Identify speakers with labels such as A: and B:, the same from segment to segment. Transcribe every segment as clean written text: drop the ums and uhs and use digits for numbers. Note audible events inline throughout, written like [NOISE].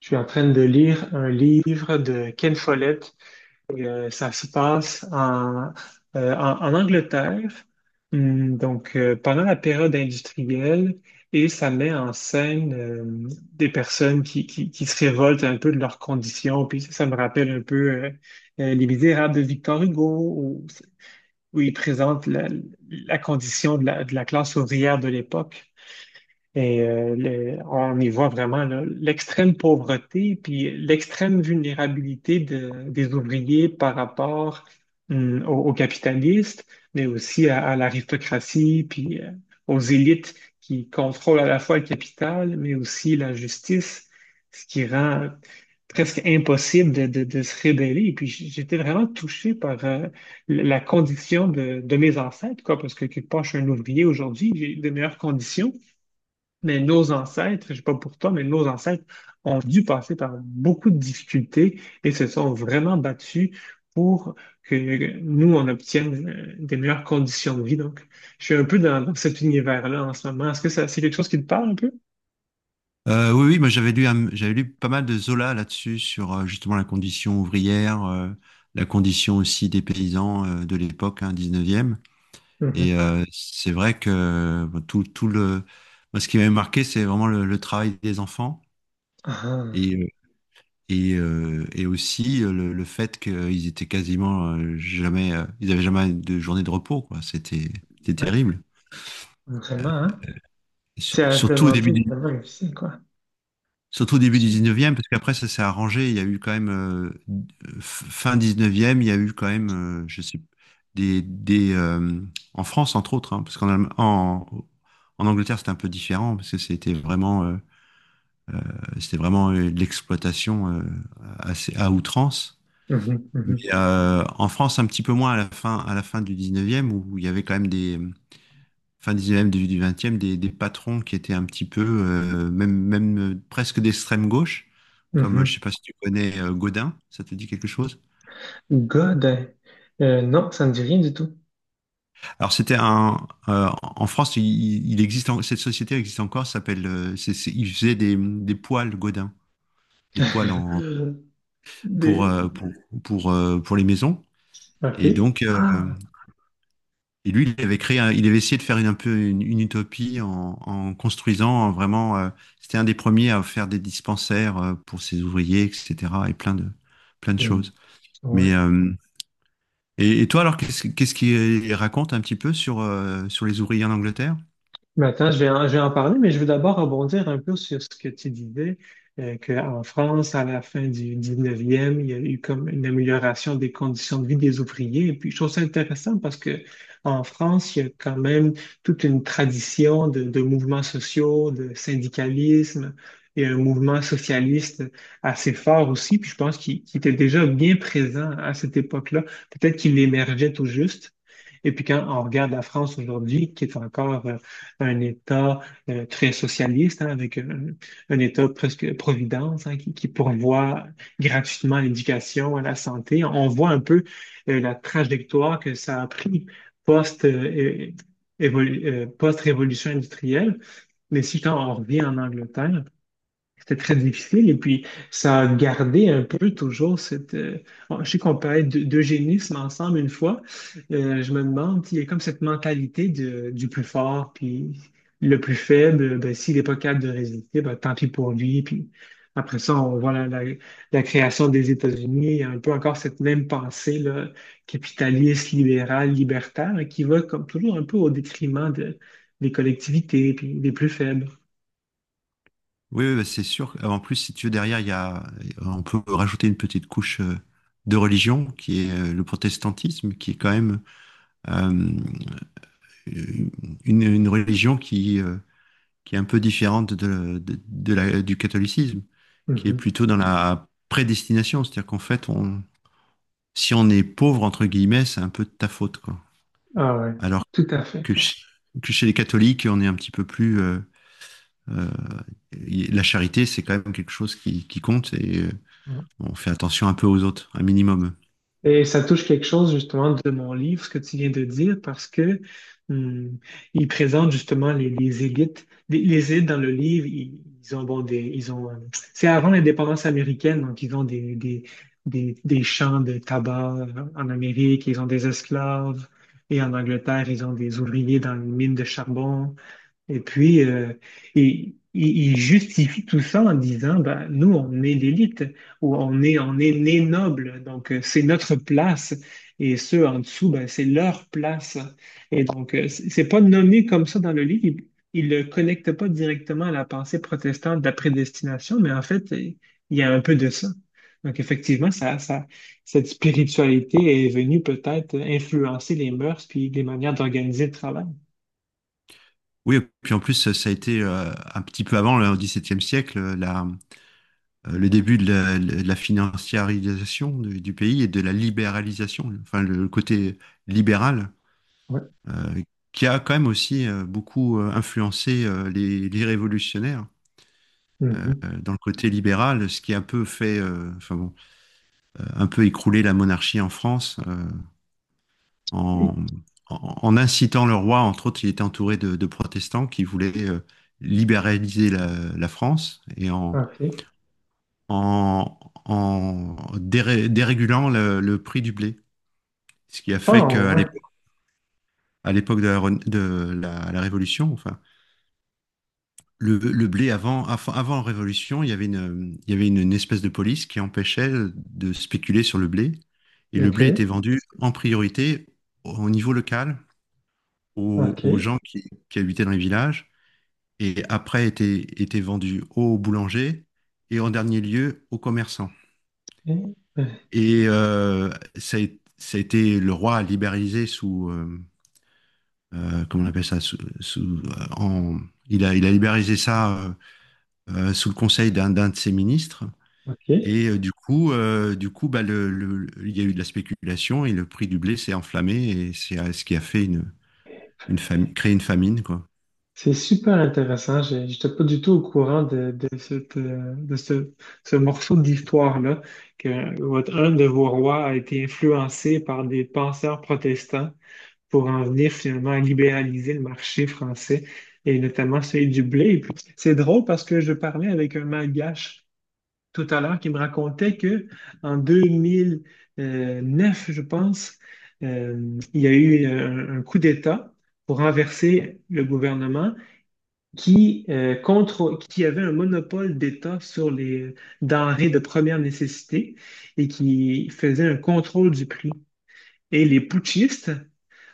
A: Je suis en train de lire un livre de Ken Follett. Ça se passe en Angleterre, pendant la période industrielle, et ça met en scène des personnes qui se révoltent un peu de leurs conditions. Puis ça me rappelle un peu Les Misérables de Victor Hugo, où il présente la condition de la classe ouvrière de l'époque. Et on y voit vraiment là, l'extrême pauvreté puis l'extrême vulnérabilité des ouvriers par rapport aux capitalistes, mais aussi à l'aristocratie puis aux élites qui contrôlent à la fois le capital, mais aussi la justice, ce qui rend presque impossible de se rebeller. Et puis j'étais vraiment touché par la condition de mes ancêtres, quoi, parce que quelque part, je suis un ouvrier aujourd'hui, j'ai de meilleures conditions. Mais nos ancêtres, je sais pas pour toi, mais nos ancêtres ont dû passer par beaucoup de difficultés et se sont vraiment battus pour que nous, on obtienne des meilleures conditions de vie. Donc, je suis un peu dans cet univers-là en ce moment. Est-ce que ça, c'est quelque chose qui te parle un peu?
B: Oui, oui, moi j'avais lu, j'avais lu pas mal de Zola là-dessus, sur justement la condition ouvrière, la condition aussi des paysans de l'époque, hein, 19e. Et
A: Mhm.
B: c'est vrai que tout le... Moi, ce qui m'avait marqué, c'est vraiment le travail des enfants
A: Ah,
B: et, euh, et aussi le fait qu'ils étaient quasiment jamais... ils n'avaient jamais de journée de repos, quoi. C'était c'était
A: ouais,
B: terrible.
A: vraiment, hein?
B: S-
A: C'est à se
B: Surtout au début
A: demander
B: du
A: vraiment difficile, quoi.
B: Surtout au début du 19e, parce qu'après ça s'est arrangé. Il y a eu quand même, fin 19e, il y a eu quand même, je sais, des, des, euh, en France entre autres, hein, parce qu'en Allem- en, en Angleterre c'était un peu différent, parce que c'était vraiment, c'était vraiment de l'exploitation assez, à outrance.
A: Mhm,
B: Mais
A: mhm,
B: en France un petit peu moins à la fin du 19e, où il y avait quand même des, fin 19e, début du 20e, des patrons qui étaient un petit peu, même, presque d'extrême gauche, comme je
A: mhm.
B: sais pas si tu connais Godin, ça te dit quelque chose?
A: God, non, ça ne dit rien du tout.
B: Alors c'était un, en France, il existe, cette société existe encore, ça s'appelle, il faisait des poêles Godin, des poêles en,
A: [LAUGHS]
B: pour,
A: Des...
B: euh, pour, pour les maisons. Et
A: OK.
B: donc,
A: Ah.
B: et lui, il avait créé, il avait essayé de faire une, un peu une utopie en, en construisant vraiment, c'était un des premiers à faire des dispensaires pour ses ouvriers, etc. Et plein de choses. Mais
A: Ouais.
B: euh, et toi, alors, qu'est-ce qu'il raconte un petit peu sur sur les ouvriers en Angleterre?
A: Mais attends, je vais en parler, mais je veux d'abord rebondir un peu sur ce que tu disais, qu'en France, à la fin du 19e, il y a eu comme une amélioration des conditions de vie des ouvriers. Et puis, je trouve ça intéressant parce que en France, il y a quand même toute une tradition de mouvements sociaux, de syndicalisme et un mouvement socialiste assez fort aussi. Puis, je pense qu'il était déjà bien présent à cette époque-là. Peut-être qu'il émergeait tout juste. Et puis quand on regarde la France aujourd'hui, qui est encore un État très socialiste, hein, un État presque providence, hein, qui pourvoit gratuitement à l'éducation, à la santé, on voit un peu la trajectoire que ça a pris post, euh, post-révolution industrielle. Mais si quand on revient en Angleterre, c'était très difficile et puis ça a gardé un peu toujours bon, je sais qu'on parlait d'eugénisme ensemble une fois. Je me demande, il y a comme cette mentalité du plus fort, puis le plus faible, ben, s'il n'est pas capable de résister, ben, tant pis pour lui. Puis après ça, on voit la création des États-Unis, il y a un peu encore cette même pensée là, capitaliste, libérale, libertaire, hein, qui va comme toujours un peu au détriment des collectivités, puis des plus faibles.
B: Oui, oui, bah, c'est sûr. En plus, si tu veux, derrière, il y a, on peut rajouter une petite couche de religion qui est le protestantisme, qui est quand même euh, une religion qui, qui est un peu différente de la, du catholicisme, qui est
A: Mhm.
B: plutôt dans la prédestination. C'est-à-dire qu'en fait, on, si on est pauvre, entre guillemets, c'est un peu de ta faute, quoi.
A: Ah ouais,
B: Alors
A: tout à fait.
B: que, que chez les catholiques, on est un petit peu plus... euh, la charité, c'est quand même quelque chose qui compte et...
A: Mm.
B: on fait attention un peu aux autres, un minimum.
A: Et ça touche quelque chose justement de mon livre, ce que tu viens de dire, parce que hum, il présente justement les élites. Les élites dans le livre, ils ont c'est avant l'indépendance américaine, donc ils ont des champs de tabac en Amérique, ils ont des esclaves, et en Angleterre, ils ont des ouvriers dans les mines de charbon. Et puis, et il justifie tout ça en disant, ben, nous, on est l'élite, ou on est né noble, donc c'est notre place, et ceux en dessous, ben, c'est leur place. Et donc, c'est pas nommé comme ça dans le livre, il le connecte pas directement à la pensée protestante de la prédestination, mais en fait, il y a un peu de ça. Donc, effectivement, cette spiritualité est venue peut-être influencer les mœurs puis les manières d'organiser le travail.
B: Oui, et puis en plus, ça a été un petit peu avant, le XVIIe siècle, la, le début de la financiarisation du pays et de la libéralisation, enfin le côté libéral,
A: Ouais.
B: euh, qui a quand même aussi beaucoup influencé les révolutionnaires
A: Mhm.
B: dans le côté libéral, ce qui a un peu fait, enfin bon, un peu écrouler la monarchie en France. En, En incitant le roi, entre autres, il était entouré de protestants qui voulaient libéraliser la, la France et en,
A: OK.
B: en, en déré- dérégulant le prix du blé. Ce qui a fait
A: Oh,
B: qu'à
A: ouais.
B: l'époque, à l'époque de la, la Révolution, enfin, le blé avant la Révolution, il y avait une espèce de police qui empêchait de spéculer sur le blé. Et le
A: OK.
B: blé était vendu en priorité au niveau local, aux,
A: OK.
B: aux
A: Eh
B: gens qui habitaient dans les villages. Et après était, était vendu au boulanger et en dernier lieu aux commerçants.
A: ben,
B: Et ça, a, ça a été le roi a libéralisé sous comment on appelle ça il a libéralisé ça sous le conseil d'un de ses ministres.
A: OK.
B: Du coup, bah, il y a eu de la spéculation et le prix du blé s'est enflammé et c'est ce qui a fait une, créé une famine, quoi.
A: C'est super intéressant. Je n'étais pas du tout au courant de ce, ce morceau d'histoire-là, que votre, un de vos rois a été influencé par des penseurs protestants pour en venir finalement à libéraliser le marché français, et notamment celui du blé. Et puis, c'est drôle parce que je parlais avec un malgache tout à l'heure qui me racontait que en 2009 je pense, il y a eu un coup d'État pour renverser le gouvernement qui avait un monopole d'État sur les denrées de première nécessité et qui faisait un contrôle du prix. Et les putschistes,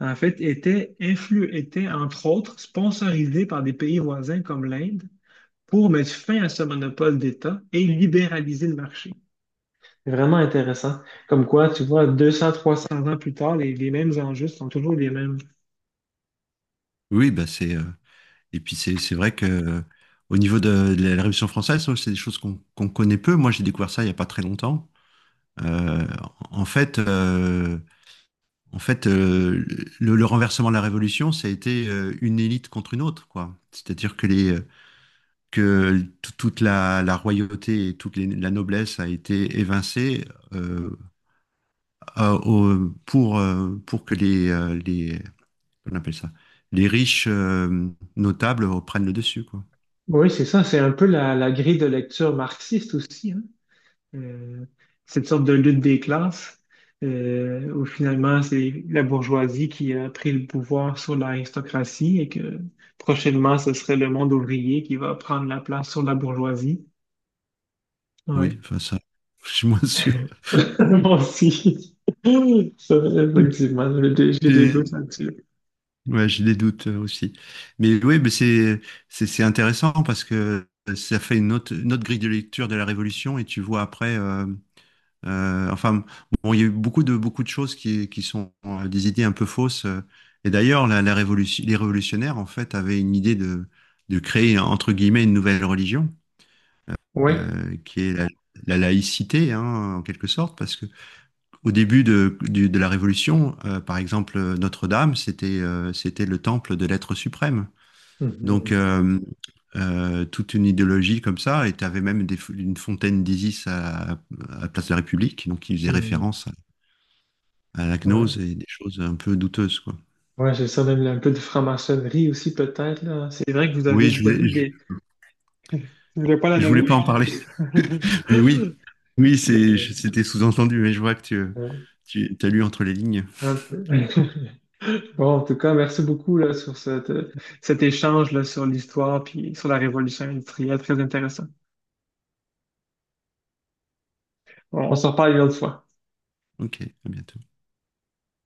A: en fait, étaient, entre autres, sponsorisés par des pays voisins comme l'Inde pour mettre fin à ce monopole d'État et libéraliser le marché. C'est vraiment intéressant. Comme quoi, tu vois, trois 300 ans plus tard, les mêmes enjeux sont toujours les mêmes.
B: Oui, bah c'est et puis c'est vrai que au niveau de la Révolution française, c'est des choses qu'on connaît peu. Moi, j'ai découvert ça il y a pas très longtemps. Euh, en fait, euh, en fait, euh, le renversement de la Révolution, ça a été une élite contre une autre, quoi. C'est-à-dire que les toute la, la royauté et la noblesse a été évincée euh, pour que les, qu'on appelle ça, les riches notables reprennent le dessus, quoi.
A: Oui, c'est ça. C'est un peu la grille de lecture marxiste aussi, hein. Euh, Cette sorte de lutte des classes, où finalement, c'est la bourgeoisie qui a pris le pouvoir sur l'aristocratie et que prochainement, ce serait le monde ouvrier qui va prendre la place sur la bourgeoisie. Ouais.
B: Oui, enfin ça, [LAUGHS] je suis moins sûr.
A: [LAUGHS] Moi aussi. [LAUGHS] Ça,
B: [LAUGHS]
A: effectivement, j'ai des doutes
B: C'est-
A: là-dessus.
B: Ouais, j'ai des doutes aussi. Mais oui, mais c'est c'est intéressant parce que ça fait une autre grille de lecture de la Révolution et tu vois après, enfin, bon, il y a eu beaucoup de choses qui sont des idées un peu fausses. Et d'ailleurs, la révolution, les révolutionnaires en fait avaient une idée de créer entre guillemets une nouvelle religion
A: Oui.
B: qui est la, la laïcité, hein, en quelque sorte, parce que Au début de la Révolution, par exemple, Notre-Dame, c'était c'était le temple de l'être suprême. Donc,
A: Mhm.
B: toute une idéologie comme ça, et tu avais même une fontaine d'Isis à Place de la République, donc qui faisait
A: Mhm.
B: référence à la gnose
A: Ouais,
B: et des choses un peu douteuses, quoi.
A: ouais, j'ai ça, même un peu de franc-maçonnerie aussi, peut-être, là. C'est vrai que
B: Oui,
A: vous avez des... Je voulais pas la
B: je voulais pas en
A: nommer.
B: parler, [LAUGHS] mais oui,
A: [LAUGHS]
B: oui, c'est,
A: Mais,
B: c'était sous-entendu, mais je vois que
A: euh,
B: tu as lu entre les lignes.
A: un peu. [LAUGHS] Bon, en tout cas, merci beaucoup, là, sur cet échange, là, sur l'histoire, puis sur la révolution industrielle, très intéressant. On s'en reparle une autre fois.
B: Ok, à bientôt.